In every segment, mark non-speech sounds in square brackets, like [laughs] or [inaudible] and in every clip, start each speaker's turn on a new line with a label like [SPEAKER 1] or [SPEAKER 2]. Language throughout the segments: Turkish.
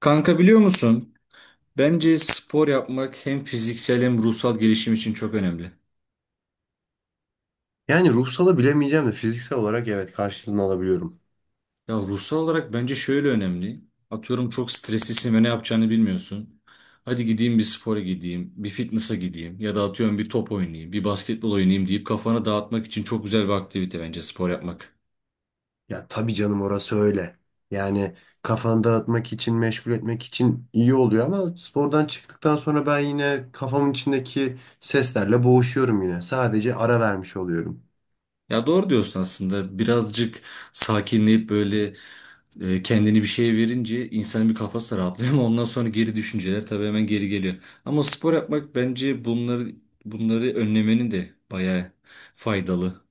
[SPEAKER 1] Kanka biliyor musun? Bence spor yapmak hem fiziksel hem ruhsal gelişim için çok önemli.
[SPEAKER 2] Yani ruhsala bilemeyeceğim de fiziksel olarak evet karşılığını alabiliyorum.
[SPEAKER 1] Ya ruhsal olarak bence şöyle önemli. Atıyorum çok streslisin ve ne yapacağını bilmiyorsun. Hadi gideyim bir spora gideyim, bir fitness'a gideyim ya da atıyorum bir top oynayayım, bir basketbol oynayayım deyip kafanı dağıtmak için çok güzel bir aktivite bence spor yapmak.
[SPEAKER 2] Ya tabii canım, orası öyle. Yani kafanı dağıtmak için, meşgul etmek için iyi oluyor ama spordan çıktıktan sonra ben yine kafamın içindeki seslerle boğuşuyorum yine. Sadece ara vermiş oluyorum.
[SPEAKER 1] Ya doğru diyorsun aslında. Birazcık sakinleyip böyle kendini bir şeye verince insanın bir kafası da rahatlıyor ama ondan sonra geri düşünceler tabii hemen geri geliyor. Ama spor yapmak bence bunları bunları önlemenin de bayağı faydalı.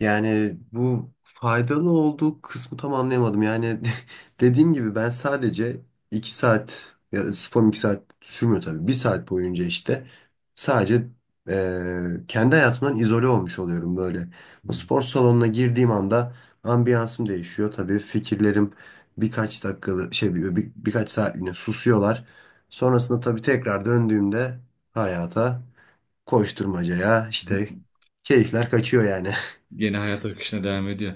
[SPEAKER 2] Yani bu faydalı olduğu kısmı tam anlayamadım. Yani [laughs] dediğim gibi ben sadece 2 saat, ya da spor 2 saat sürmüyor tabii. 1 saat boyunca işte sadece kendi hayatımdan izole olmuş oluyorum böyle. O spor salonuna girdiğim anda ambiyansım değişiyor. Tabii fikirlerim birkaç dakikalı şey, birkaç saatliğine susuyorlar. Sonrasında tabii tekrar döndüğümde hayata, koşturmacaya işte
[SPEAKER 1] [laughs]
[SPEAKER 2] keyifler kaçıyor yani.
[SPEAKER 1] Yeni hayat akışına devam ediyor.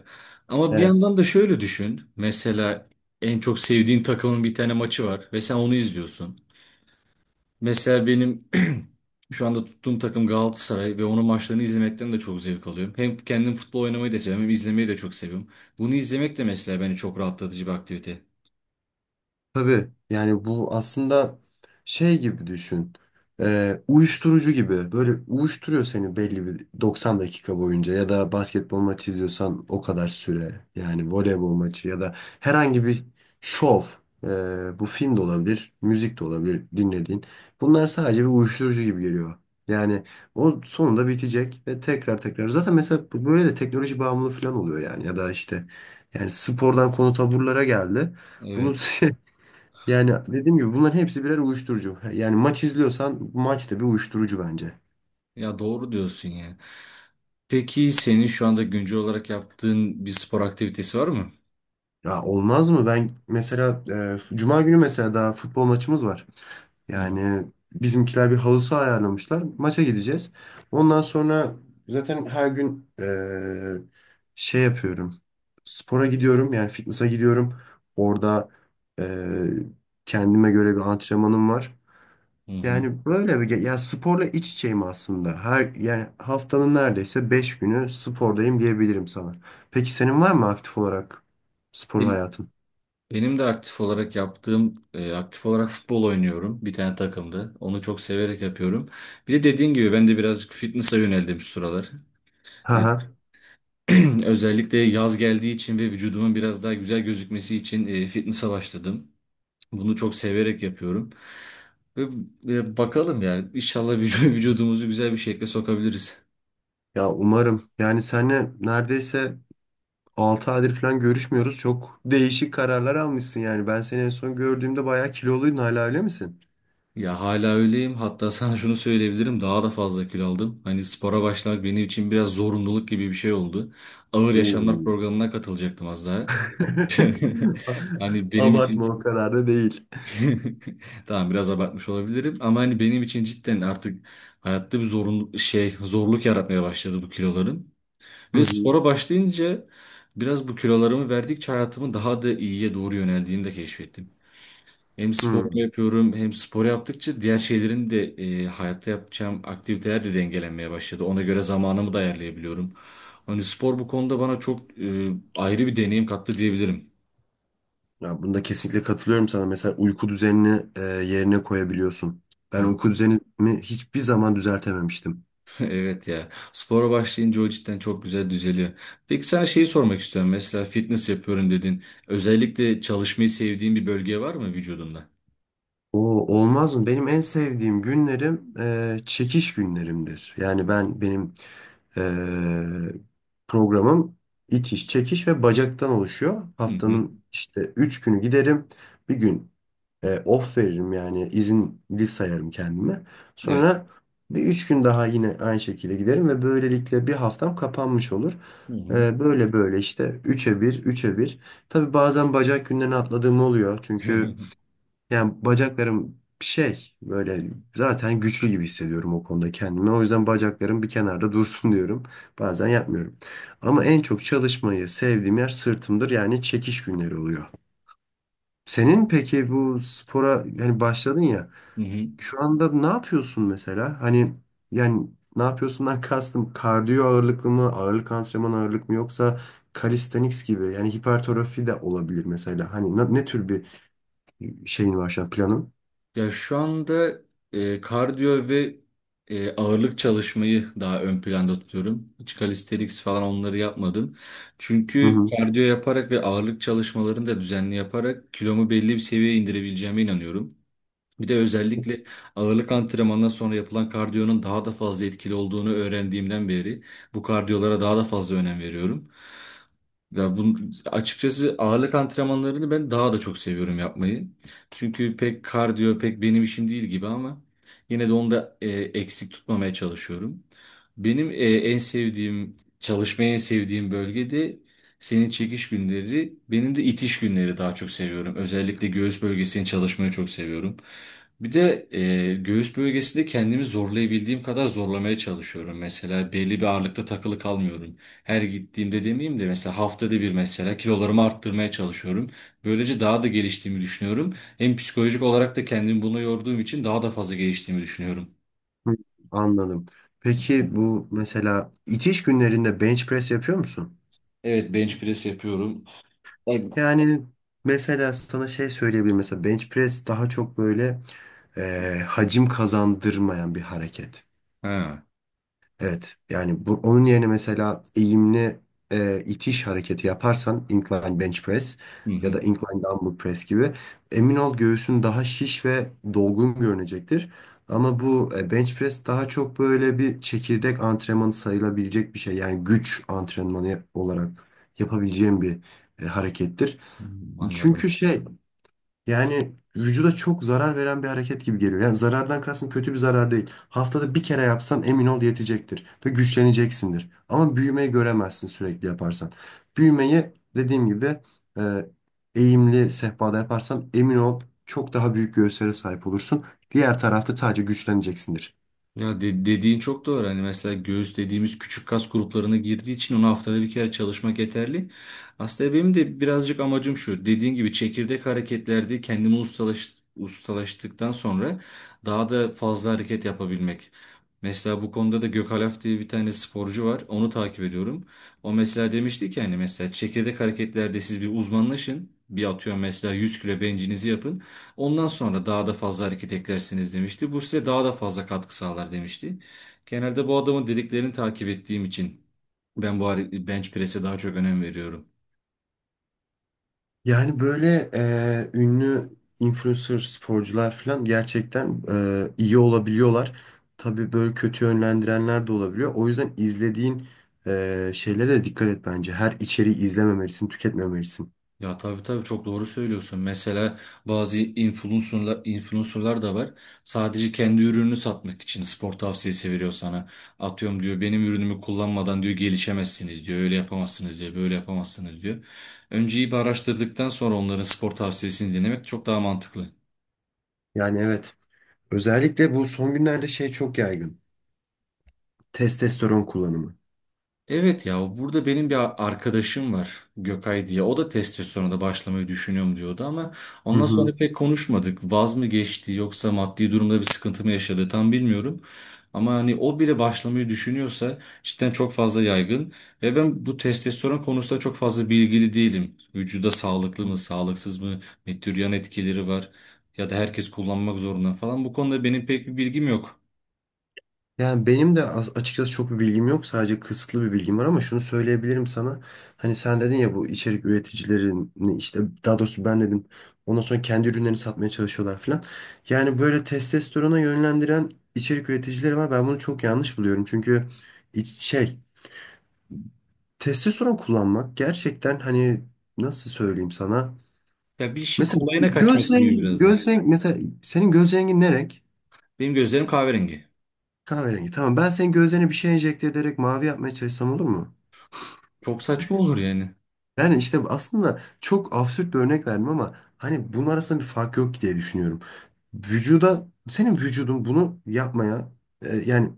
[SPEAKER 1] Ama bir
[SPEAKER 2] [laughs]
[SPEAKER 1] yandan da şöyle düşün. Mesela en çok sevdiğin takımın bir tane maçı var ve sen onu izliyorsun. Mesela benim [clears throat] şu anda tuttuğum takım Galatasaray ve onun maçlarını izlemekten de çok zevk alıyorum. Hem kendim futbol oynamayı da seviyorum hem izlemeyi de çok seviyorum. Bunu izlemek de mesela bence çok rahatlatıcı bir aktivite.
[SPEAKER 2] Tabii yani bu aslında şey gibi düşün. Uyuşturucu gibi böyle uyuşturuyor seni belli bir 90 dakika boyunca, ya da basketbol maçı izliyorsan o kadar süre, yani voleybol maçı ya da herhangi bir şov. Bu film de olabilir, müzik de olabilir dinlediğin, bunlar sadece bir uyuşturucu gibi geliyor. Yani o sonunda bitecek ve tekrar tekrar, zaten mesela böyle de teknoloji bağımlılığı falan oluyor yani, ya da işte, yani spordan konu taburlara geldi. Bunu
[SPEAKER 1] Evet.
[SPEAKER 2] [laughs] yani dediğim gibi bunların hepsi birer uyuşturucu. Yani maç izliyorsan maç da bir uyuşturucu bence.
[SPEAKER 1] Ya doğru diyorsun ya. Peki senin şu anda güncel olarak yaptığın bir spor aktivitesi var mı?
[SPEAKER 2] Ya olmaz mı? Ben mesela Cuma günü mesela daha futbol maçımız var.
[SPEAKER 1] Hı
[SPEAKER 2] Yani bizimkiler bir halı saha ayarlamışlar. Maça gideceğiz. Ondan sonra zaten her gün şey yapıyorum. Spora gidiyorum, yani fitness'a gidiyorum. Orada e, kendime göre bir antrenmanım var.
[SPEAKER 1] hı. Hı.
[SPEAKER 2] Yani böyle ya sporla iç içeyim aslında. Her, yani haftanın neredeyse 5 günü spordayım diyebilirim sana. Peki senin var mı aktif olarak spor
[SPEAKER 1] Benim
[SPEAKER 2] hayatın?
[SPEAKER 1] benim de aktif olarak yaptığım, aktif olarak futbol oynuyorum bir tane takımda. Onu çok severek yapıyorum. Bir de dediğin gibi ben de birazcık fitness'a yöneldim şu sıralar.
[SPEAKER 2] Ha
[SPEAKER 1] E,
[SPEAKER 2] ha.
[SPEAKER 1] [clears throat] Özellikle yaz geldiği için ve vücudumun biraz daha güzel gözükmesi için fitness'a başladım. Bunu çok severek yapıyorum. Ve, ve bakalım yani inşallah [laughs] vücudumuzu güzel bir şekilde sokabiliriz.
[SPEAKER 2] Ya umarım. Yani seninle neredeyse 6 aydır falan görüşmüyoruz. Çok değişik kararlar almışsın yani. Ben seni en son gördüğümde bayağı kiloluydun, hala öyle misin?
[SPEAKER 1] Ya hala öyleyim. Hatta [laughs] sana şunu söyleyebilirim. Daha da fazla kilo aldım. Hani spora başlamak benim için biraz zorunluluk gibi bir şey oldu. Ağır Yaşamlar
[SPEAKER 2] Oo.
[SPEAKER 1] programına katılacaktım az daha. [laughs]
[SPEAKER 2] [laughs]
[SPEAKER 1] Hani benim
[SPEAKER 2] Abartma,
[SPEAKER 1] için
[SPEAKER 2] o kadar da değil.
[SPEAKER 1] [laughs] tamam biraz abartmış olabilirim ama hani benim için cidden artık hayatta bir zorun şey zorluk yaratmaya başladı bu kilolarım.
[SPEAKER 2] Hı
[SPEAKER 1] Ve
[SPEAKER 2] hı.
[SPEAKER 1] spora başlayınca biraz bu kilolarımı verdikçe hayatımı daha da iyiye doğru yöneldiğini de keşfettim. Hem
[SPEAKER 2] Hı.
[SPEAKER 1] sporumu yapıyorum hem spor yaptıkça diğer şeylerin de hayatta yapacağım aktiviteler de dengelenmeye başladı. Ona göre zamanımı da ayarlayabiliyorum. Hani spor bu konuda bana çok ayrı bir deneyim kattı diyebilirim.
[SPEAKER 2] Ya bunda kesinlikle katılıyorum sana. Mesela uyku düzenini yerine koyabiliyorsun. Ben uyku düzenimi hiçbir zaman düzeltememiştim.
[SPEAKER 1] Evet ya. Spora başlayınca o cidden çok güzel düzeliyor. Peki sana şeyi sormak istiyorum. Mesela fitness yapıyorum dedin. Özellikle çalışmayı sevdiğin bir bölge var mı vücudunda?
[SPEAKER 2] O, olmaz mı? Benim en sevdiğim günlerim çekiş günlerimdir. Yani benim e, programım itiş, çekiş ve bacaktan oluşuyor.
[SPEAKER 1] Hı hı.
[SPEAKER 2] Haftanın işte 3 günü giderim. Bir gün off veririm, yani izinli sayarım kendime.
[SPEAKER 1] Evet.
[SPEAKER 2] Sonra bir 3 gün daha yine aynı şekilde giderim ve böylelikle bir haftam kapanmış olur.
[SPEAKER 1] Hı hı.
[SPEAKER 2] Böyle böyle işte, üçe bir, üçe bir. Tabii bazen bacak günlerini atladığım oluyor. Çünkü
[SPEAKER 1] [laughs]
[SPEAKER 2] yani bacaklarım şey, böyle zaten güçlü gibi hissediyorum o konuda kendimi. O yüzden bacaklarım bir kenarda dursun [laughs] diyorum. Bazen yapmıyorum. Ama en çok çalışmayı sevdiğim yer sırtımdır. Yani çekiş günleri oluyor. Senin peki bu spora, yani başladın ya.
[SPEAKER 1] Hı hı.
[SPEAKER 2] Şu anda ne yapıyorsun mesela? Hani yani, ne yapıyorsundan [laughs] kastım, kardiyo ağırlıklı mı, ağırlık antrenmanı ağırlık mı, yoksa calisthenics gibi, yani hipertrofi de olabilir mesela. Hani ne, ne tür bir şeyin var şu an planın?
[SPEAKER 1] Ya şu anda kardiyo ve ağırlık çalışmayı daha ön planda tutuyorum. Hiç calisthenics falan onları yapmadım.
[SPEAKER 2] Hı
[SPEAKER 1] Çünkü
[SPEAKER 2] hı.
[SPEAKER 1] kardiyo yaparak ve ağırlık çalışmalarını da düzenli yaparak kilomu belli bir seviyeye indirebileceğime inanıyorum. Bir de özellikle ağırlık antrenmanından sonra yapılan kardiyonun daha da fazla etkili olduğunu öğrendiğimden beri bu kardiyolara daha da fazla önem veriyorum. Ya bu, açıkçası ağırlık antrenmanlarını ben daha da çok seviyorum yapmayı. Çünkü pek kardiyo pek benim işim değil gibi ama yine de onu da eksik tutmamaya çalışıyorum. Benim en sevdiğim, çalışmayı en sevdiğim bölgede senin çekiş günleri, benim de itiş günleri daha çok seviyorum. Özellikle göğüs bölgesini çalışmayı çok seviyorum. Bir de göğüs bölgesinde kendimi zorlayabildiğim kadar zorlamaya çalışıyorum. Mesela belli bir ağırlıkta takılı kalmıyorum. Her gittiğimde demeyeyim de mesela haftada bir mesela kilolarımı arttırmaya çalışıyorum. Böylece daha da geliştiğimi düşünüyorum. Hem psikolojik olarak da kendimi buna yorduğum için daha da fazla geliştiğimi düşünüyorum.
[SPEAKER 2] Hı, anladım. Peki bu mesela itiş günlerinde bench press yapıyor musun?
[SPEAKER 1] Evet, bench press yapıyorum.
[SPEAKER 2] Yani mesela sana şey söyleyebilirim. Mesela bench press daha çok böyle hacim kazandırmayan bir hareket.
[SPEAKER 1] Ha.
[SPEAKER 2] Evet. Yani bu, onun yerine mesela eğimli itiş hareketi yaparsan, incline bench press
[SPEAKER 1] Hı
[SPEAKER 2] ya
[SPEAKER 1] hı.
[SPEAKER 2] da incline dumbbell press gibi, emin ol göğsün daha şiş ve dolgun görünecektir. Ama bu bench press daha çok böyle bir çekirdek antrenmanı sayılabilecek bir şey. Yani güç antrenmanı olarak yapabileceğim bir harekettir.
[SPEAKER 1] Hmm,
[SPEAKER 2] Çünkü
[SPEAKER 1] anladım.
[SPEAKER 2] şey, yani vücuda çok zarar veren bir hareket gibi geliyor. Yani zarardan kastım kötü bir zarar değil. Haftada bir kere yapsan emin ol yetecektir ve güçleneceksindir. Ama büyümeyi göremezsin sürekli yaparsan. Büyümeyi, dediğim gibi, e, eğimli sehpada yaparsan emin ol çok daha büyük göğüslere sahip olursun. Diğer tarafta sadece güçleneceksindir.
[SPEAKER 1] Ya dediğin çok doğru. Hani mesela göğüs dediğimiz küçük kas gruplarına girdiği için onu haftada bir kere çalışmak yeterli. Aslında benim de birazcık amacım şu. Dediğin gibi çekirdek hareketlerde kendimi ustalaştıktan sonra daha da fazla hareket yapabilmek. Mesela bu konuda da Gökalp diye bir tane sporcu var. Onu takip ediyorum. O mesela demişti ki hani mesela çekirdek hareketlerde siz bir uzmanlaşın. Bir atıyorum mesela 100 kilo bencinizi yapın. Ondan sonra daha da fazla hareket eklersiniz demişti. Bu size daha da fazla katkı sağlar demişti. Genelde bu adamın dediklerini takip ettiğim için ben bu bench press'e daha çok önem veriyorum.
[SPEAKER 2] Yani böyle ünlü influencer sporcular falan gerçekten iyi olabiliyorlar. Tabii böyle kötü yönlendirenler de olabiliyor. O yüzden izlediğin şeylere de dikkat et bence. Her içeriği izlememelisin, tüketmemelisin.
[SPEAKER 1] Ya tabii tabii çok doğru söylüyorsun. Mesela bazı influencerlar da var. Sadece kendi ürününü satmak için spor tavsiyesi veriyor sana. Atıyorum diyor benim ürünümü kullanmadan diyor gelişemezsiniz diyor. Öyle yapamazsınız diyor. Böyle yapamazsınız diyor. Önce iyi bir araştırdıktan sonra onların spor tavsiyesini dinlemek çok daha mantıklı.
[SPEAKER 2] Yani evet. Özellikle bu son günlerde şey çok yaygın: testosteron kullanımı.
[SPEAKER 1] Evet ya, burada benim bir arkadaşım var Gökay diye. O da testosterona başlamayı düşünüyorum diyordu ama
[SPEAKER 2] Hı
[SPEAKER 1] ondan
[SPEAKER 2] hı.
[SPEAKER 1] sonra pek konuşmadık. Vaz mı geçti yoksa maddi durumda bir sıkıntı mı yaşadı tam bilmiyorum. Ama hani o bile başlamayı düşünüyorsa cidden çok fazla yaygın. Ve ben bu testosteron konusunda çok fazla bilgili değilim. Vücuda sağlıklı mı sağlıksız mı ne tür yan etkileri var ya da herkes kullanmak zorunda falan. Bu konuda benim pek bir bilgim yok.
[SPEAKER 2] Yani benim de açıkçası çok bir bilgim yok. Sadece kısıtlı bir bilgim var ama şunu söyleyebilirim sana. Hani sen dedin ya bu içerik üreticilerini işte, daha doğrusu ben dedim, ondan sonra kendi ürünlerini satmaya çalışıyorlar falan. Yani böyle testosterona yönlendiren içerik üreticileri var. Ben bunu çok yanlış buluyorum. Çünkü şey, testosteron kullanmak gerçekten, hani nasıl söyleyeyim sana?
[SPEAKER 1] Ya bir işin
[SPEAKER 2] Mesela
[SPEAKER 1] kolayına
[SPEAKER 2] göz
[SPEAKER 1] kaçmak gibi
[SPEAKER 2] rengi,
[SPEAKER 1] biraz da.
[SPEAKER 2] göz rengi mesela, senin göz rengin ne renk?
[SPEAKER 1] Benim gözlerim kahverengi.
[SPEAKER 2] Kahverengi. Tamam, ben senin gözlerine bir şey enjekte ederek mavi yapmaya çalışsam olur mu?
[SPEAKER 1] Çok saçma olur yani.
[SPEAKER 2] Yani işte aslında çok absürt bir örnek verdim ama hani bunun arasında bir fark yok diye düşünüyorum. Vücuda, senin vücudun bunu yapmaya yani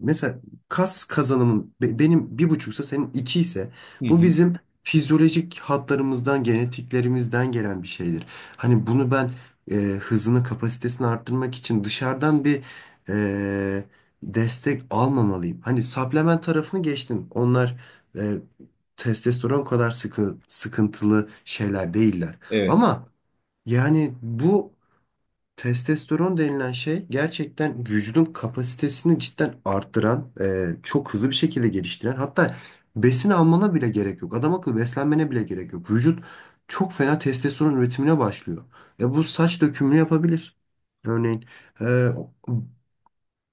[SPEAKER 2] mesela kas kazanımın benim bir buçuksa, senin iki ise,
[SPEAKER 1] Hı
[SPEAKER 2] bu
[SPEAKER 1] hı.
[SPEAKER 2] bizim fizyolojik hatlarımızdan, genetiklerimizden gelen bir şeydir. Hani bunu ben hızını, kapasitesini arttırmak için dışarıdan bir e, destek almamalıyım. Hani supplement tarafını geçtim. Onlar e, testosteron kadar sıkıntılı şeyler değiller.
[SPEAKER 1] Evet.
[SPEAKER 2] Ama yani bu testosteron denilen şey gerçekten vücudun kapasitesini cidden arttıran, çok hızlı bir şekilde geliştiren, hatta besin almana bile gerek yok. Adam akıllı beslenmene bile gerek yok. Vücut çok fena testosteron üretimine başlıyor. Bu saç dökümünü yapabilir. Örneğin e,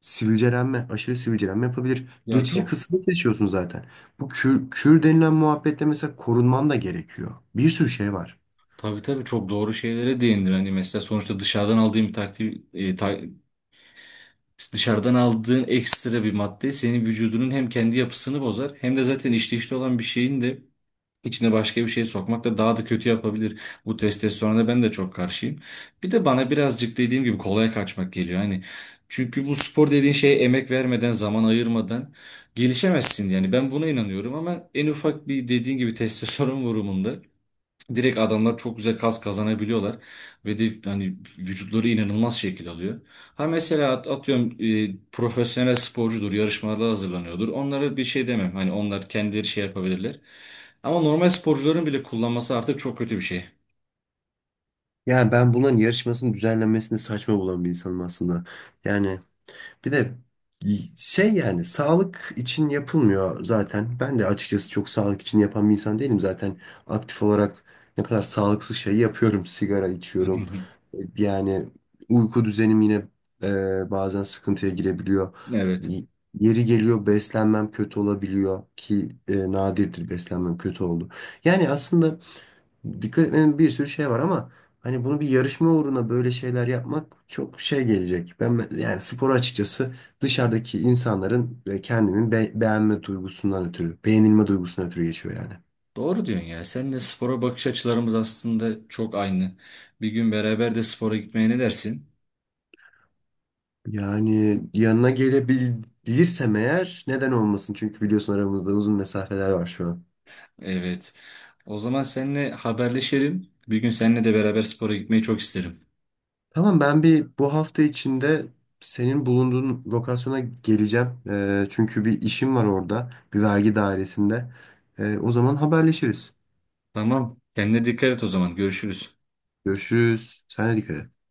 [SPEAKER 2] sivilcelenme, aşırı sivilcelenme yapabilir.
[SPEAKER 1] Ya
[SPEAKER 2] Geçici
[SPEAKER 1] çok
[SPEAKER 2] kısmı yaşıyorsun zaten. Bu kür, kür denilen muhabbetle mesela korunman da gerekiyor. Bir sürü şey var.
[SPEAKER 1] tabii tabii çok doğru şeylere değindir. Hani mesela sonuçta dışarıdan aldığın bir takdir, dışarıdan aldığın ekstra bir madde senin vücudunun hem kendi yapısını bozar hem de zaten işleyişte olan bir şeyin de İçine başka bir şey sokmak da daha da kötü yapabilir. Bu testosterona ben de çok karşıyım. Bir de bana birazcık dediğim gibi kolaya kaçmak geliyor. Hani çünkü bu spor dediğin şeye emek vermeden, zaman ayırmadan gelişemezsin. Yani ben buna inanıyorum ama en ufak bir dediğin gibi [laughs] testosteron vurumunda direkt adamlar çok güzel kas kazanabiliyorlar ve de hani vücutları inanılmaz şekil alıyor. Ha mesela atıyorum profesyonel sporcudur, yarışmalara hazırlanıyordur. Onlara bir şey demem. Hani onlar kendileri şey yapabilirler. Ama normal sporcuların bile kullanması artık çok kötü bir şey.
[SPEAKER 2] Yani ben bunların yarışmasının düzenlenmesini saçma bulan bir insanım aslında. Yani bir de şey, yani sağlık için yapılmıyor zaten. Ben de açıkçası çok sağlık için yapan bir insan değilim. Zaten aktif olarak ne kadar sağlıksız şey yapıyorum. Sigara içiyorum.
[SPEAKER 1] [laughs]
[SPEAKER 2] Yani uyku düzenim yine bazen sıkıntıya girebiliyor.
[SPEAKER 1] Evet.
[SPEAKER 2] Y- Yeri geliyor beslenmem kötü olabiliyor, ki nadirdir beslenmem kötü oldu. Yani aslında dikkat etmenin bir sürü şey var ama hani bunu bir yarışma uğruna böyle şeyler yapmak çok şey gelecek. Ben, yani sporu açıkçası dışarıdaki insanların ve kendimin beğenilme duygusundan ötürü geçiyor yani.
[SPEAKER 1] Doğru diyorsun ya. Seninle spora bakış açılarımız aslında çok aynı. Bir gün beraber de spora gitmeye ne dersin?
[SPEAKER 2] Yani yanına gelebilirsem eğer neden olmasın? Çünkü biliyorsun aramızda uzun mesafeler var şu an.
[SPEAKER 1] Evet. O zaman seninle haberleşelim. Bir gün seninle de beraber spora gitmeyi çok isterim.
[SPEAKER 2] Tamam, ben bir bu hafta içinde senin bulunduğun lokasyona geleceğim. Çünkü bir işim var orada, bir vergi dairesinde. O zaman haberleşiriz.
[SPEAKER 1] Tamam. Kendine dikkat et o zaman. Görüşürüz.
[SPEAKER 2] Görüşürüz. Sen de dikkat et.